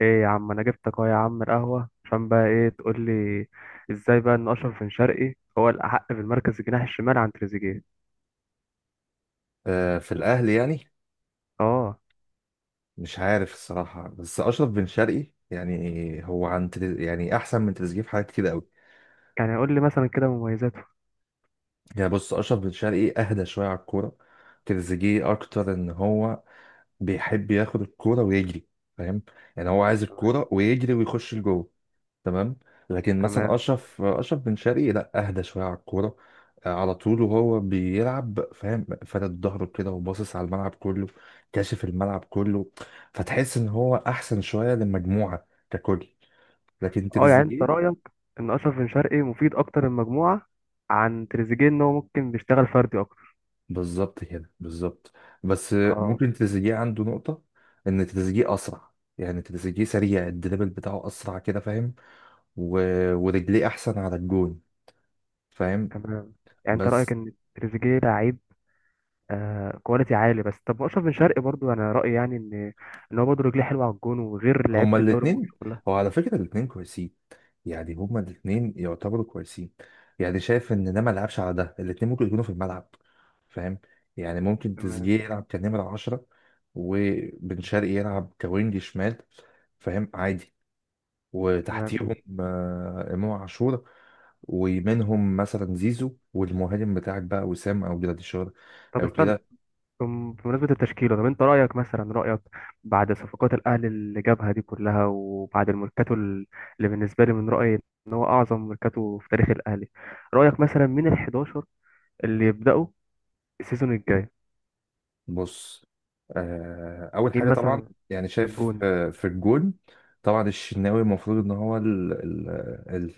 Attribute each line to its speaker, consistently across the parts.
Speaker 1: ايه يا عم، انا جبتك اهو يا عم القهوه عشان بقى ايه تقول لي؟ ازاي بقى ان اشرف بن شرقي هو الاحق في المركز الجناح الشمال عن تريزيجيه؟
Speaker 2: في الأهلي يعني.
Speaker 1: اه،
Speaker 2: مش عارف الصراحة، بس أشرف بن شرقي يعني هو عن تريز يعني أحسن من تريزيجيه في حاجات كتير أوي.
Speaker 1: يعني قول لي مثلا كده مميزاته.
Speaker 2: يعني بص، أشرف بن شرقي أهدى شوية على الكورة. تريزيجيه أكتر إن هو بيحب ياخد الكورة ويجري، فاهم؟ يعني هو عايز الكورة ويجري ويخش لجوه، تمام؟ لكن مثلا
Speaker 1: تمام.
Speaker 2: اشرف بن شرقي لا، اهدى شويه على الكوره. على طول وهو بيلعب، فاهم، فارد ظهره كده وباصص على الملعب كله، كاشف الملعب كله. فتحس ان هو احسن شويه للمجموعه ككل. لكن
Speaker 1: اه، يعني انت
Speaker 2: تريزيجيه،
Speaker 1: رايك ان اشرف بن شرقي مفيد اكتر المجموعه عن تريزيجيه ان هو ممكن بيشتغل فردي اكتر.
Speaker 2: بالظبط كده بالظبط. بس
Speaker 1: اه،
Speaker 2: ممكن تريزيجيه عنده نقطه ان تريزيجيه اسرع. يعني تريزيجيه سريع، الدريبل بتاعه اسرع كده، فاهم؟ و... ورجليه احسن على الجون، فاهم؟
Speaker 1: تمام. يعني انت رايك
Speaker 2: بس
Speaker 1: ان تريزيجيه لعيب آه كواليتي عالي، بس طب اشرف بن شرقي برضو انا رايي يعني ان هو برضه رجليه حلوه على الجون وغير لعيبه
Speaker 2: هما
Speaker 1: الدوري المصري
Speaker 2: الاتنين،
Speaker 1: كلها.
Speaker 2: هو على فكرة الاتنين كويسين. يعني هما الاتنين يعتبروا كويسين. يعني شايف ان ده ما لعبش، على ده الاتنين ممكن يكونوا في الملعب، فاهم؟ يعني ممكن
Speaker 1: تمام،
Speaker 2: تريزيجيه يلعب كنمرة عشرة، وبن شرقي يلعب كوينج شمال، فاهم؟ عادي.
Speaker 1: تمام.
Speaker 2: وتحتيهم امام عاشور. ومنهم مثلا زيزو، والمهاجم بتاعك بقى، وسام او جراديشار
Speaker 1: طب
Speaker 2: او
Speaker 1: استنى،
Speaker 2: كده.
Speaker 1: بمناسبة التشكيلة. طب انت رأيك مثلا، رأيك بعد صفقات الأهلي اللي جابها دي كلها وبعد الميركاتو اللي بالنسبة لي من رأيي ان هو أعظم ميركاتو في تاريخ الأهلي. رأيك مثلا مين ال 11 اللي يبدأوا السيزون الجاي؟
Speaker 2: بص، اول
Speaker 1: مين
Speaker 2: حاجه طبعا،
Speaker 1: مثلا؟
Speaker 2: يعني
Speaker 1: في
Speaker 2: شايف
Speaker 1: الجون.
Speaker 2: في الجون، طبعا الشناوي المفروض ان هو ال ال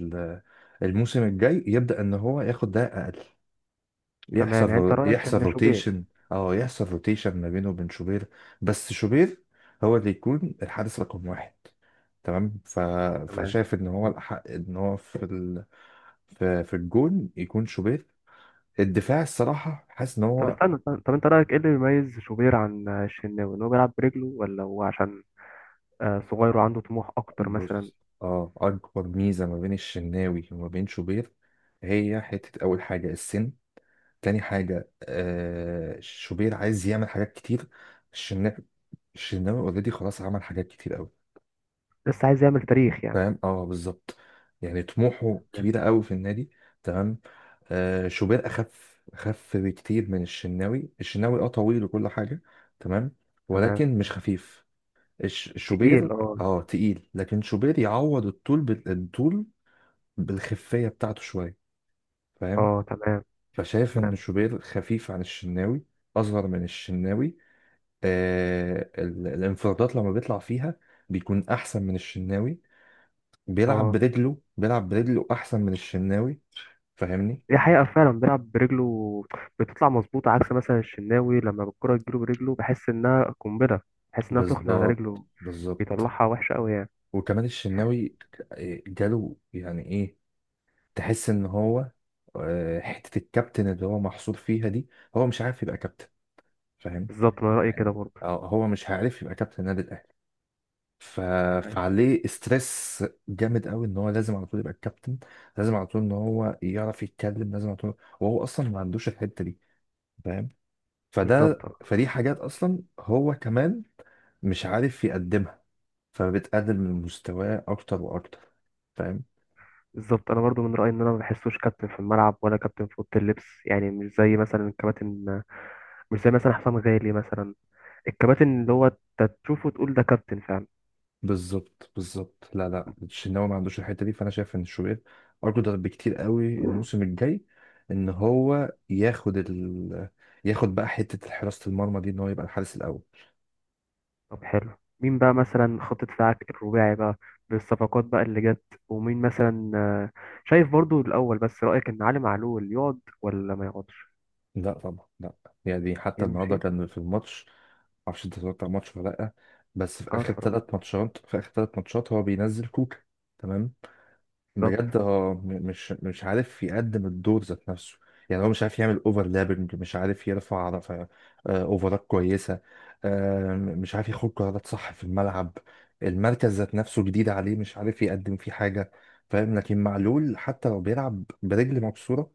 Speaker 2: ال الموسم الجاي يبدا ان هو ياخد ده اقل.
Speaker 1: تمام،
Speaker 2: يحصل
Speaker 1: يعني انت رأيك
Speaker 2: يحصل
Speaker 1: ان شوبير.
Speaker 2: روتيشن. اه، يحصل روتيشن ما بينه وبين شوبير، بس شوبير هو اللي يكون الحارس رقم واحد. تمام،
Speaker 1: تمام.
Speaker 2: فشايف ان هو الاحق ان هو في الجون يكون شوبير. الدفاع الصراحه حاسس ان
Speaker 1: طب
Speaker 2: هو،
Speaker 1: استنى، استنى. طب انت رأيك ايه اللي بيميز شوبير عن الشناوي، ان هو بيلعب برجله ولا هو عشان صغير وعنده طموح أكتر مثلا؟
Speaker 2: بص، اه، اكبر ميزه ما بين الشناوي وما بين شوبير هي حته، اول حاجه السن، تاني حاجه آه، شوبير عايز يعمل حاجات كتير. الشناوي الشناوي اوريدي خلاص عمل حاجات كتير قوي.
Speaker 1: لسه عايز يعمل تاريخ يعني.
Speaker 2: فاهم؟ اه بالظبط. يعني طموحه كبيره قوي في النادي، تمام. آه، شوبير اخف، اخف بكتير من الشناوي. الشناوي اه طويل وكل حاجه، تمام،
Speaker 1: تمام.
Speaker 2: ولكن مش خفيف. شوبير
Speaker 1: تقيل، اه.
Speaker 2: اه تقيل، لكن شوبير يعوض الطول بالطول، بالخفية بتاعته شوية، فاهم؟
Speaker 1: اه، تمام.
Speaker 2: فشايف
Speaker 1: تمام.
Speaker 2: إن شوبير خفيف عن الشناوي، أصغر من الشناوي. آه، الانفرادات لما بيطلع فيها بيكون أحسن من الشناوي. بيلعب
Speaker 1: اه.
Speaker 2: برجله، بيلعب برجله أحسن من الشناوي، فاهمني؟
Speaker 1: دي حقيقة، فعلا بيلعب برجله بتطلع مظبوطة، عكس مثلا الشناوي لما الكرة تجيله برجله بحس إنها قنبلة. بحس إنها سخنة على
Speaker 2: بالظبط
Speaker 1: رجله.
Speaker 2: بالظبط.
Speaker 1: بيطلعها وحشة أوي يعني.
Speaker 2: وكمان الشناوي جاله يعني إيه، تحس إن هو، حتة الكابتن اللي هو محصور فيها دي، هو مش عارف يبقى كابتن، فاهم؟
Speaker 1: بالظبط، أنا رأيي كده
Speaker 2: يعني
Speaker 1: برضه.
Speaker 2: هو مش عارف يبقى كابتن النادي الأهلي. ف...
Speaker 1: فاهم؟
Speaker 2: فعليه استرس جامد قوي ان هو لازم على طول يبقى الكابتن، لازم على طول ان هو يعرف يتكلم لازم على طول، وهو اصلا ما عندوش الحتة دي، فاهم؟
Speaker 1: بالظبط،
Speaker 2: فده،
Speaker 1: آه.
Speaker 2: فدي حاجات اصلا هو كمان مش عارف يقدمها، فبتقلل من مستواه اكتر واكتر، فاهم؟
Speaker 1: بالظبط، أنا برضه من رأيي إن أنا ما بحسوش كابتن في الملعب ولا كابتن في أوضة اللبس، يعني مش زي مثلا الكباتن، مش زي مثلا حسام غالي مثلا، الكباتن اللي هو أنت تشوفه تقول ده كابتن فعلا.
Speaker 2: بالظبط بالظبط. لا لا، الشناوي ما عندوش الحتة دي. فانا شايف ان شوبير اقدر بكتير قوي الموسم الجاي ان هو ياخد ياخد بقى حتة حراسة المرمى دي، ان هو يبقى الحارس الاول.
Speaker 1: طب حلو، مين بقى مثلا خطط بتاعك الرباعي بقى، بالصفقات بقى اللي جت؟ ومين مثلا شايف برضو الأول؟ بس رأيك إن علي معلول يقعد ولا ما يقعدش؟
Speaker 2: لا طبعا لا. يعني حتى النهارده
Speaker 1: يمشي.
Speaker 2: كان في الماتش، معرفش انت اتفرجت على الماتش ولا لا، بس في
Speaker 1: اه،
Speaker 2: اخر
Speaker 1: اتفرج.
Speaker 2: ثلاث ماتشات، في اخر ثلاث ماتشات هو بينزل كوكا. تمام، بجد
Speaker 1: بالظبط،
Speaker 2: اه، مش عارف يقدم الدور ذات نفسه. يعني هو مش عارف يعمل اوفرلابنج، مش عارف يرفع اوفرات كويسه. مش عارف ياخد قرارات صح في الملعب، المركز ذات نفسه جديد عليه، مش عارف يقدم فيه حاجه، فاهم؟ لكن معلول حتى لو بيلعب برجل مكسوره،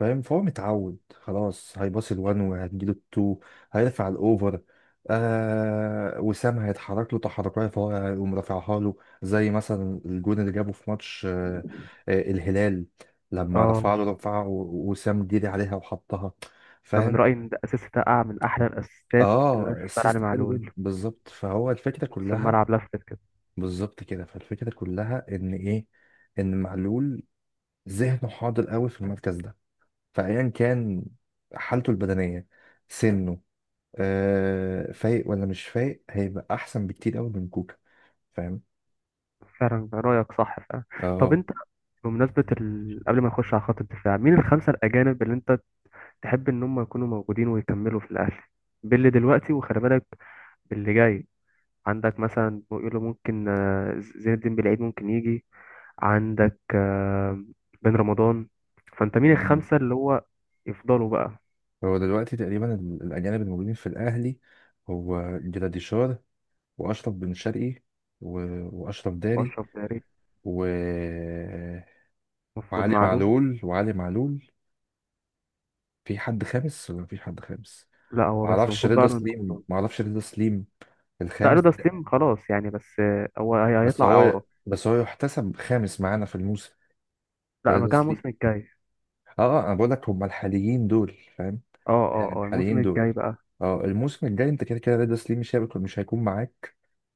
Speaker 2: فاهم، فهو متعود خلاص. هيباص الوان وهتجيله التو، هيرفع الاوفر. آه، وسام هيتحرك له تحركات، فهو هيقوم رافعها له. زي مثلا الجون اللي جابه في ماتش الهلال، لما
Speaker 1: اه.
Speaker 2: رفع له رفعه وسام ديري عليها وحطها،
Speaker 1: أنا من
Speaker 2: فاهم؟
Speaker 1: رأيي إن ده أساس، ده من أحلى الأساسات اللي
Speaker 2: اه
Speaker 1: أنا شفتها على علي
Speaker 2: السيستم حلو جدا،
Speaker 1: معلول.
Speaker 2: بالظبط. فهو الفكره
Speaker 1: نص
Speaker 2: كلها،
Speaker 1: الملعب لفت كده.
Speaker 2: بالظبط كده، فالفكره كلها ان ايه؟ ان معلول ذهنه حاضر قوي في المركز ده، فايا كان حالته البدنيه، سنه، آه، فايق ولا مش فايق، هيبقى احسن بكتير قوي من كوكا، فاهم؟
Speaker 1: فعلا، رأيك صح فعلا. طب
Speaker 2: اه.
Speaker 1: أنت، بمناسبة قبل ما نخش على خط الدفاع، مين الخمسة الأجانب اللي أنت تحب إن هم يكونوا موجودين ويكملوا في الأهلي، باللي دلوقتي وخلي بالك باللي جاي. عندك مثلا بيقولوا ممكن زين الدين بالعيد ممكن يجي. عندك بن رمضان. فانت مين
Speaker 2: مم.
Speaker 1: الخمسة اللي هو يفضلوا بقى؟
Speaker 2: هو دلوقتي تقريبا الاجانب الموجودين في الاهلي هو جراديشار، واشرف بن شرقي، و... واشرف داري،
Speaker 1: واشرف داري.
Speaker 2: و...
Speaker 1: المفروض
Speaker 2: وعلي
Speaker 1: معلول.
Speaker 2: معلول وعلي معلول في حد خامس ولا مفيش حد خامس؟
Speaker 1: لا، هو بس
Speaker 2: معرفش،
Speaker 1: المفروض
Speaker 2: رضا
Speaker 1: بقى بن
Speaker 2: سليم،
Speaker 1: رمضان.
Speaker 2: معرفش رضا سليم
Speaker 1: لا،
Speaker 2: الخامس،
Speaker 1: رضا سليم خلاص يعني، بس هو
Speaker 2: بس
Speaker 1: هيطلع
Speaker 2: هو
Speaker 1: إعارة.
Speaker 2: بس هو يحتسب خامس معانا في الموسم ده،
Speaker 1: لا،
Speaker 2: رضا
Speaker 1: مكان
Speaker 2: سليم.
Speaker 1: الموسم الجاي.
Speaker 2: اه، آه، انا بقول لك هم الحاليين دول، فاهم؟
Speaker 1: اه، اه،
Speaker 2: يعني
Speaker 1: اه، الموسم
Speaker 2: الحاليين دول.
Speaker 1: الجاي بقى.
Speaker 2: اه، الموسم الجاي انت كده كده رضا سليم مش هيكون معاك،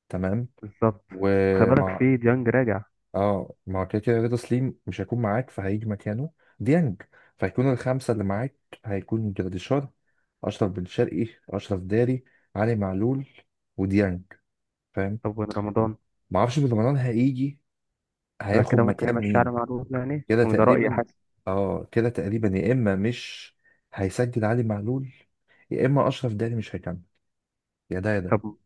Speaker 2: تمام.
Speaker 1: بالظبط. خلي بالك
Speaker 2: ومع،
Speaker 1: في ديانج راجع.
Speaker 2: اه، ما هو كده كده رضا سليم مش هيكون معاك فهيجي مكانه ديانج، فهيكون الخمسة اللي معاك هيكون جراديشار، أشرف بن شرقي، أشرف داري، علي معلول، وديانج، فاهم؟
Speaker 1: طب بن رمضان؟
Speaker 2: معرفش بالمران هيجي
Speaker 1: يبقى
Speaker 2: هياخد
Speaker 1: كده ممكن
Speaker 2: مكان
Speaker 1: نمشي على
Speaker 2: مين.
Speaker 1: معلول يعني،
Speaker 2: كده
Speaker 1: وده رأيي
Speaker 2: تقريبا.
Speaker 1: حاسس.
Speaker 2: اه كده تقريبا، يا إما مش هيسجل علي معلول، يا إما أشرف داري مش هيكمل، يا ده يا ده.
Speaker 1: طب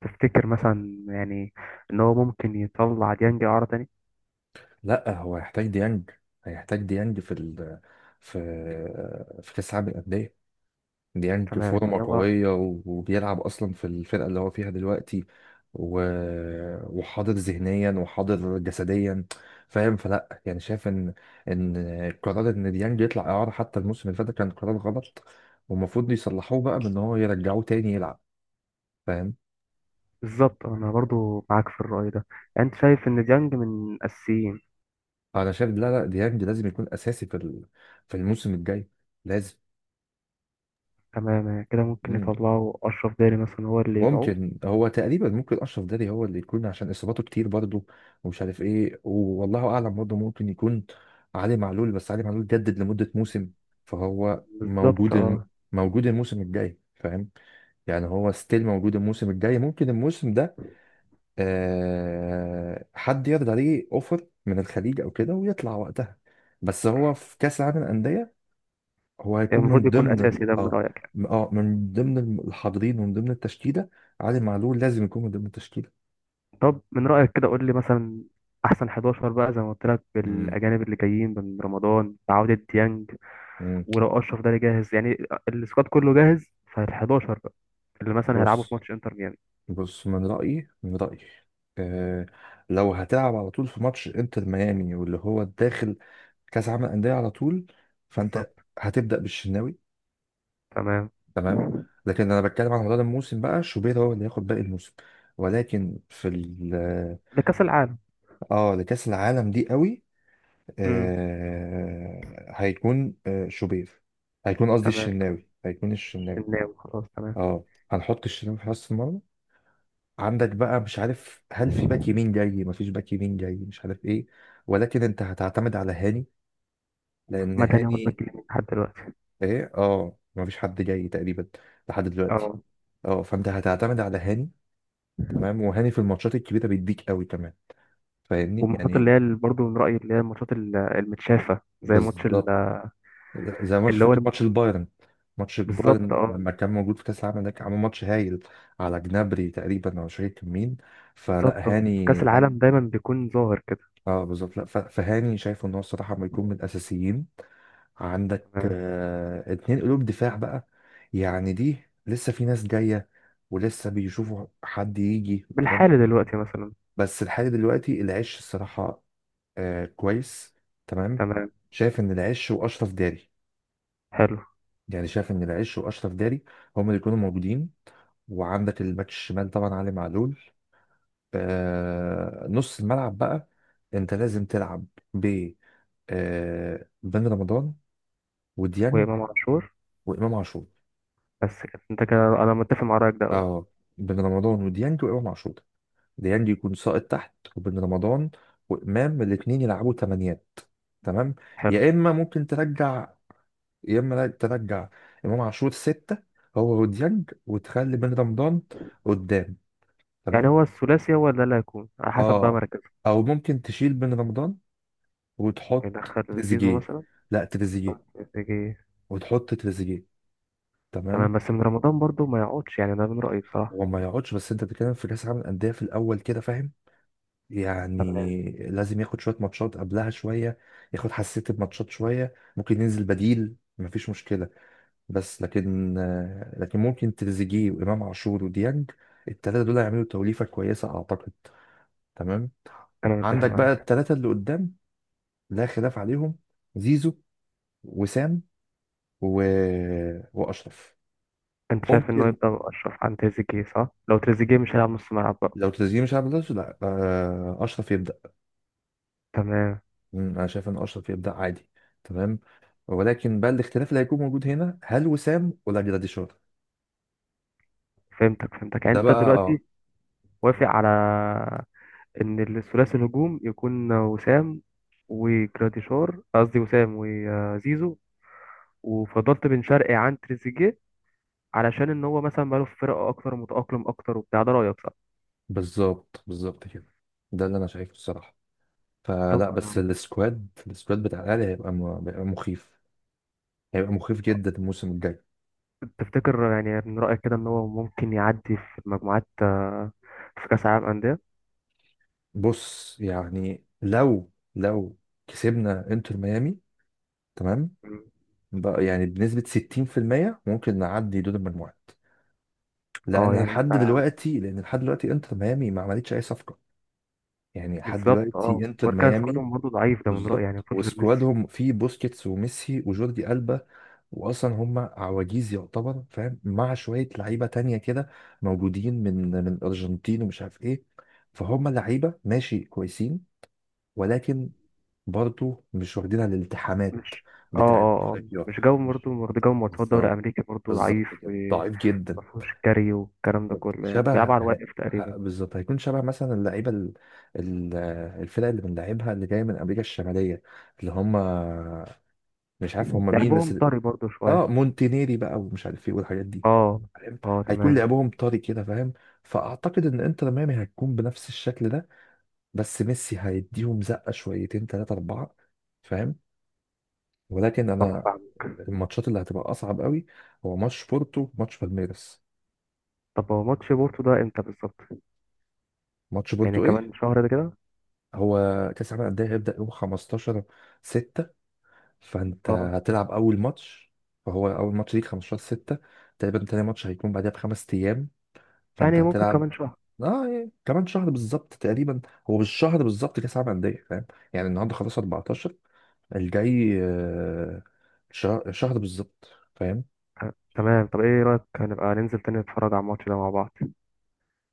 Speaker 1: تفتكر مثلا يعني ان هو ممكن يطلع ديانج اعاره تاني؟
Speaker 2: لأ هو هيحتاج ديانج، هيحتاج ديانج في في كأس العالم للأندية. ديانج
Speaker 1: تمام، يعني
Speaker 2: فورمة
Speaker 1: هو.
Speaker 2: قوية، وبيلعب أصلا في الفرقة اللي هو فيها دلوقتي، و... وحاضر ذهنيا وحاضر جسديا، فاهم؟ فلا يعني شايف إن قرار إن ديانج يطلع إعارة حتى الموسم اللي فات ده كان قرار غلط، والمفروض يصلحوه بقى بإن هو يرجعوه تاني يلعب، فاهم؟
Speaker 1: بالظبط، انا برضو معاك في الرأي ده. يعني انت شايف ان ديانج من اساسيين.
Speaker 2: أنا شايف، لا لا، ديانج لازم يكون أساسي في الموسم الجاي، لازم.
Speaker 1: تمام، يعني كده ممكن يطلعوا اشرف داري مثلا هو اللي يبيعوه.
Speaker 2: ممكن، هو تقريبا ممكن اشرف داري هو اللي يكون عشان اصاباته كتير برضه، ومش عارف ايه والله اعلم. برضه ممكن يكون علي معلول، بس علي معلول جدد لمده موسم، فهو
Speaker 1: بالظبط،
Speaker 2: موجود
Speaker 1: اه.
Speaker 2: موجود الموسم الجاي، فاهم؟ يعني هو ستيل موجود الموسم الجاي. ممكن الموسم ده آه حد يرضى عليه اوفر من الخليج او كده ويطلع وقتها. بس هو في كاس العالم للانديه هو
Speaker 1: يعني
Speaker 2: هيكون
Speaker 1: المفروض
Speaker 2: من
Speaker 1: يكون
Speaker 2: ضمن
Speaker 1: اساسي ده من
Speaker 2: اه،
Speaker 1: رأيك يعني.
Speaker 2: اه، من ضمن الحاضرين، ومن ضمن التشكيله. علي معلول لازم يكون من ضمن التشكيله.
Speaker 1: طب من رأيك كده قول لي مثلا احسن 11 بقى، زي ما قلت لك،
Speaker 2: مم.
Speaker 1: بالاجانب اللي جايين من رمضان بعودة ديانج.
Speaker 2: مم.
Speaker 1: ولو اشرف داري جاهز يعني، السكواد كله جاهز، فال11 بقى اللي مثلا هيلعبوا في
Speaker 2: بص،
Speaker 1: ماتش انتر ميامي.
Speaker 2: بص، من رايي، من رايي آه، لو هتلعب على طول في ماتش انتر ميامي واللي هو داخل كاس عالم الانديه على طول،
Speaker 1: بالظبط.
Speaker 2: فانت هتبدا بالشناوي،
Speaker 1: تمام.
Speaker 2: تمام. لكن انا بتكلم على مدار الموسم بقى، شوبير هو اللي هياخد باقي الموسم، ولكن في ال اه،
Speaker 1: لكأس العالم.
Speaker 2: لكاس العالم دي قوي،
Speaker 1: امم.
Speaker 2: آه، هيكون آه شوبير، هيكون قصدي
Speaker 1: تمام،
Speaker 2: الشناوي، هيكون الشناوي.
Speaker 1: الشناوي خلاص. تمام.
Speaker 2: اه، هنحط الشناوي في حراسة المرمى. عندك بقى مش عارف هل في باك يمين جاي، مفيش باك يمين جاي، مش عارف ايه، ولكن انت هتعتمد على هاني، لان
Speaker 1: محمد هاني هو
Speaker 2: هاني،
Speaker 1: الباك اليمين لحد دلوقتي.
Speaker 2: ايه، اه مفيش حد جاي تقريبا لحد دلوقتي.
Speaker 1: اه.
Speaker 2: اه، فانت هتعتمد على هاني، تمام. وهاني في الماتشات الكبيرة بيديك قوي كمان، فاهمني
Speaker 1: والماتشات اللي
Speaker 2: يعني؟
Speaker 1: هي برضه من رأيي، اللي هي الماتشات المتشافة، زي ماتش
Speaker 2: بالظبط، زي ماتش،
Speaker 1: اللي هو
Speaker 2: فاكر ماتش البايرن؟ ماتش
Speaker 1: بالظبط،
Speaker 2: البايرن
Speaker 1: اه.
Speaker 2: لما كان موجود في كاس العالم ده، كان عامل ماتش هايل على جنابري تقريبا او مش فاكر كان مين. فلا،
Speaker 1: بالظبط، آه.
Speaker 2: هاني
Speaker 1: كأس
Speaker 2: هاني
Speaker 1: العالم دايما بيكون ظاهر كده.
Speaker 2: اه بالظبط. لا فهاني شايفه ان هو الصراحه ما يكون من الاساسيين. عندك
Speaker 1: تمام.
Speaker 2: آه اتنين قلوب دفاع بقى. يعني دي لسه في ناس جايه، ولسه بيشوفوا حد يجي والكلام ده.
Speaker 1: بالحالي دلوقتي مثلا.
Speaker 2: بس لحد دلوقتي العش الصراحه آه كويس، تمام.
Speaker 1: تمام،
Speaker 2: شايف ان العش واشرف داري،
Speaker 1: حلو.
Speaker 2: يعني شايف ان العش واشرف داري هم اللي يكونوا موجودين. وعندك الباك الشمال طبعا علي معلول. آه، نص الملعب بقى انت لازم تلعب ب، آه، بن رمضان، وديانج،
Speaker 1: وإمام عاشور.
Speaker 2: وامام عاشور.
Speaker 1: بس كده انت، كده انا متفق مع رأيك ده أوي.
Speaker 2: اه، بن رمضان وديانج وامام عاشور، ديانج يكون ساقط تحت، وبن رمضان وامام الاثنين يلعبوا تمانيات، تمام.
Speaker 1: حلو.
Speaker 2: يا اما ممكن ترجع، يا اما ترجع امام عاشور ستة، هو وديانج، وتخلي بن رمضان قدام،
Speaker 1: يعني
Speaker 2: تمام.
Speaker 1: هو الثلاثي هو ده اللي هيكون على حسب بقى
Speaker 2: اه،
Speaker 1: مركزه.
Speaker 2: او ممكن تشيل بن رمضان وتحط
Speaker 1: يدخل زيزو
Speaker 2: تريزيجيه.
Speaker 1: مثلا؟
Speaker 2: لا تريزيجيه،
Speaker 1: يجي.
Speaker 2: وتحط تريزيجيه،
Speaker 1: تمام،
Speaker 2: تمام.
Speaker 1: بس من رمضان برضه ما يقعدش يعني، ده من رأيي بصراحة.
Speaker 2: هو ما يقعدش، بس انت بتتكلم في كاس العالم للانديه في الاول كده، فاهم؟ يعني لازم ياخد شويه ماتشات قبلها شويه، ياخد حساسيه الماتشات شويه، ممكن ينزل بديل مفيش مشكله. بس لكن لكن ممكن تريزيجيه وامام عاشور وديانج الثلاثه دول هيعملوا توليفه كويسه اعتقد، تمام.
Speaker 1: انا متفق
Speaker 2: عندك بقى
Speaker 1: معاك.
Speaker 2: الثلاثه اللي قدام لا خلاف عليهم، زيزو، وسام، و... واشرف.
Speaker 1: انت شايف انه
Speaker 2: ممكن،
Speaker 1: يبقى اشرف عن تريزيجيه، صح؟ لو تريزيجيه مش هيلعب نص ملعب بقى.
Speaker 2: لو تشجيع مش عارف ده، لا اشرف يبدا.
Speaker 1: تمام.
Speaker 2: مم، انا شايف ان اشرف يبدا عادي، تمام. ولكن بقى الاختلاف اللي هيكون موجود هنا، هل وسام ولا جراديشار؟
Speaker 1: فهمتك، فهمتك. يعني
Speaker 2: ده
Speaker 1: انت
Speaker 2: بقى اه.
Speaker 1: دلوقتي وافق على ان الثلاثي الهجوم يكون وسام وجراديشار، قصدي وسام وزيزو. وفضلت بن شرقي عن تريزيجيه علشان ان هو مثلا بقاله في فرقه اكتر، متاقلم اكتر وبتاع. ده رايك، صح؟
Speaker 2: بالظبط بالظبط كده، ده اللي انا شايفه الصراحه. فلا،
Speaker 1: طب
Speaker 2: بس
Speaker 1: انا،
Speaker 2: السكواد، السكواد بتاع الاهلي هيبقى هيبقى مخيف، هيبقى مخيف جدا الموسم الجاي.
Speaker 1: تفتكر يعني من رايك كده ان هو ممكن يعدي في المجموعات في كاس العالم انديه؟
Speaker 2: بص يعني، لو كسبنا انتر ميامي، تمام،
Speaker 1: مم.
Speaker 2: بقى يعني بنسبة 60% ممكن نعدي دور المجموعات.
Speaker 1: اه، يعني انت.
Speaker 2: لأن لحد دلوقتي انتر ميامي ما عملتش أي صفقة. يعني لحد
Speaker 1: بالظبط، اه.
Speaker 2: دلوقتي انتر
Speaker 1: واركان
Speaker 2: ميامي،
Speaker 1: سكوادهم برضه ضعيف ده من رأيي، يعني
Speaker 2: بالظبط.
Speaker 1: مفيش غير ميسي.
Speaker 2: وسكوادهم فيه بوسكيتس وميسي وجوردي ألبا، وأصلا هم عواجيز يعتبر، فاهم، مع شوية لعيبة تانية كده موجودين من الأرجنتين ومش عارف إيه. فهم لعيبة ماشي كويسين، ولكن برضه مش واخدين على الالتحامات
Speaker 1: مش. اه،
Speaker 2: بتاعت
Speaker 1: اه، اه،
Speaker 2: أفريقيا.
Speaker 1: مش جو برضه، برضه جو ماتشات دوري
Speaker 2: بالظبط،
Speaker 1: أمريكي برضه ضعيف.
Speaker 2: بالظبط كده، ضعيف جدا.
Speaker 1: ومفهوش كاري والكلام ده
Speaker 2: بالظبط.
Speaker 1: كله، يعني بيلعب على الواقف تقريبا.
Speaker 2: بالظبط، هيكون شبه مثلا ال- الفرق اللي بنلعبها اللي جايه من امريكا الشماليه، اللي هم مش عارف هم مين
Speaker 1: لعبهم
Speaker 2: بس.
Speaker 1: طري برضه
Speaker 2: اه
Speaker 1: شوية.
Speaker 2: مونتينيري بقى ومش عارف ايه والحاجات دي،
Speaker 1: اه.
Speaker 2: فاهم؟
Speaker 1: اه،
Speaker 2: هيكون
Speaker 1: تمام.
Speaker 2: لعبهم طري كده، فاهم؟ فاعتقد ان انتر ميامي هتكون بنفس الشكل ده، بس ميسي هيديهم زقه، شويتين ثلاثه اربعه، فاهم؟ ولكن
Speaker 1: اه،
Speaker 2: انا،
Speaker 1: فاهم.
Speaker 2: الماتشات اللي هتبقى اصعب قوي هو ماتش بورتو، ماتش بالميرس.
Speaker 1: طب هو ماتش بورتو ده امتى بالظبط؟
Speaker 2: ماتش
Speaker 1: يعني
Speaker 2: بورتو
Speaker 1: كمان
Speaker 2: ايه؟
Speaker 1: شهر ده كده؟
Speaker 2: هو كاس العالم للانديه هيبدا يوم 15 6، فانت
Speaker 1: اه،
Speaker 2: هتلعب اول ماتش، فهو اول ماتش ليك 15 6 تقريبا. تاني ماتش هيكون بعدها بخمس ايام، فانت
Speaker 1: يعني ممكن
Speaker 2: هتلعب،
Speaker 1: كمان شهر.
Speaker 2: اه يعني كمان شهر بالظبط تقريبا. هو بالشهر بالظبط كاس العالم للانديه، فاهم؟ يعني النهارده خلاص 14، الجاي شهر، شهر بالظبط، فاهم؟
Speaker 1: تمام. طب ايه رأيك، هنبقى ننزل تاني نتفرج على الماتش ده مع بعض؟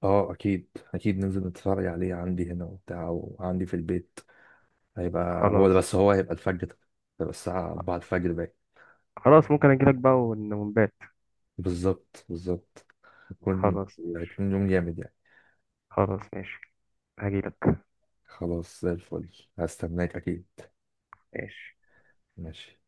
Speaker 2: اه اكيد اكيد ننزل نتفرج عليه عندي هنا وبتاع، وعندي في البيت. هيبقى هو ده،
Speaker 1: خلاص.
Speaker 2: بس هو هيبقى الفجر، هيبقى الساعة 4 الفجر باين.
Speaker 1: خلاص، ممكن اجيلك بقى ونبات.
Speaker 2: بالظبط بالظبط، هيكون،
Speaker 1: خلاص.
Speaker 2: هيكون يوم جامد يعني.
Speaker 1: خلاص، ماشي. هجيلك.
Speaker 2: خلاص زي الفل، هستناك أكيد.
Speaker 1: ماشي.
Speaker 2: ماشي.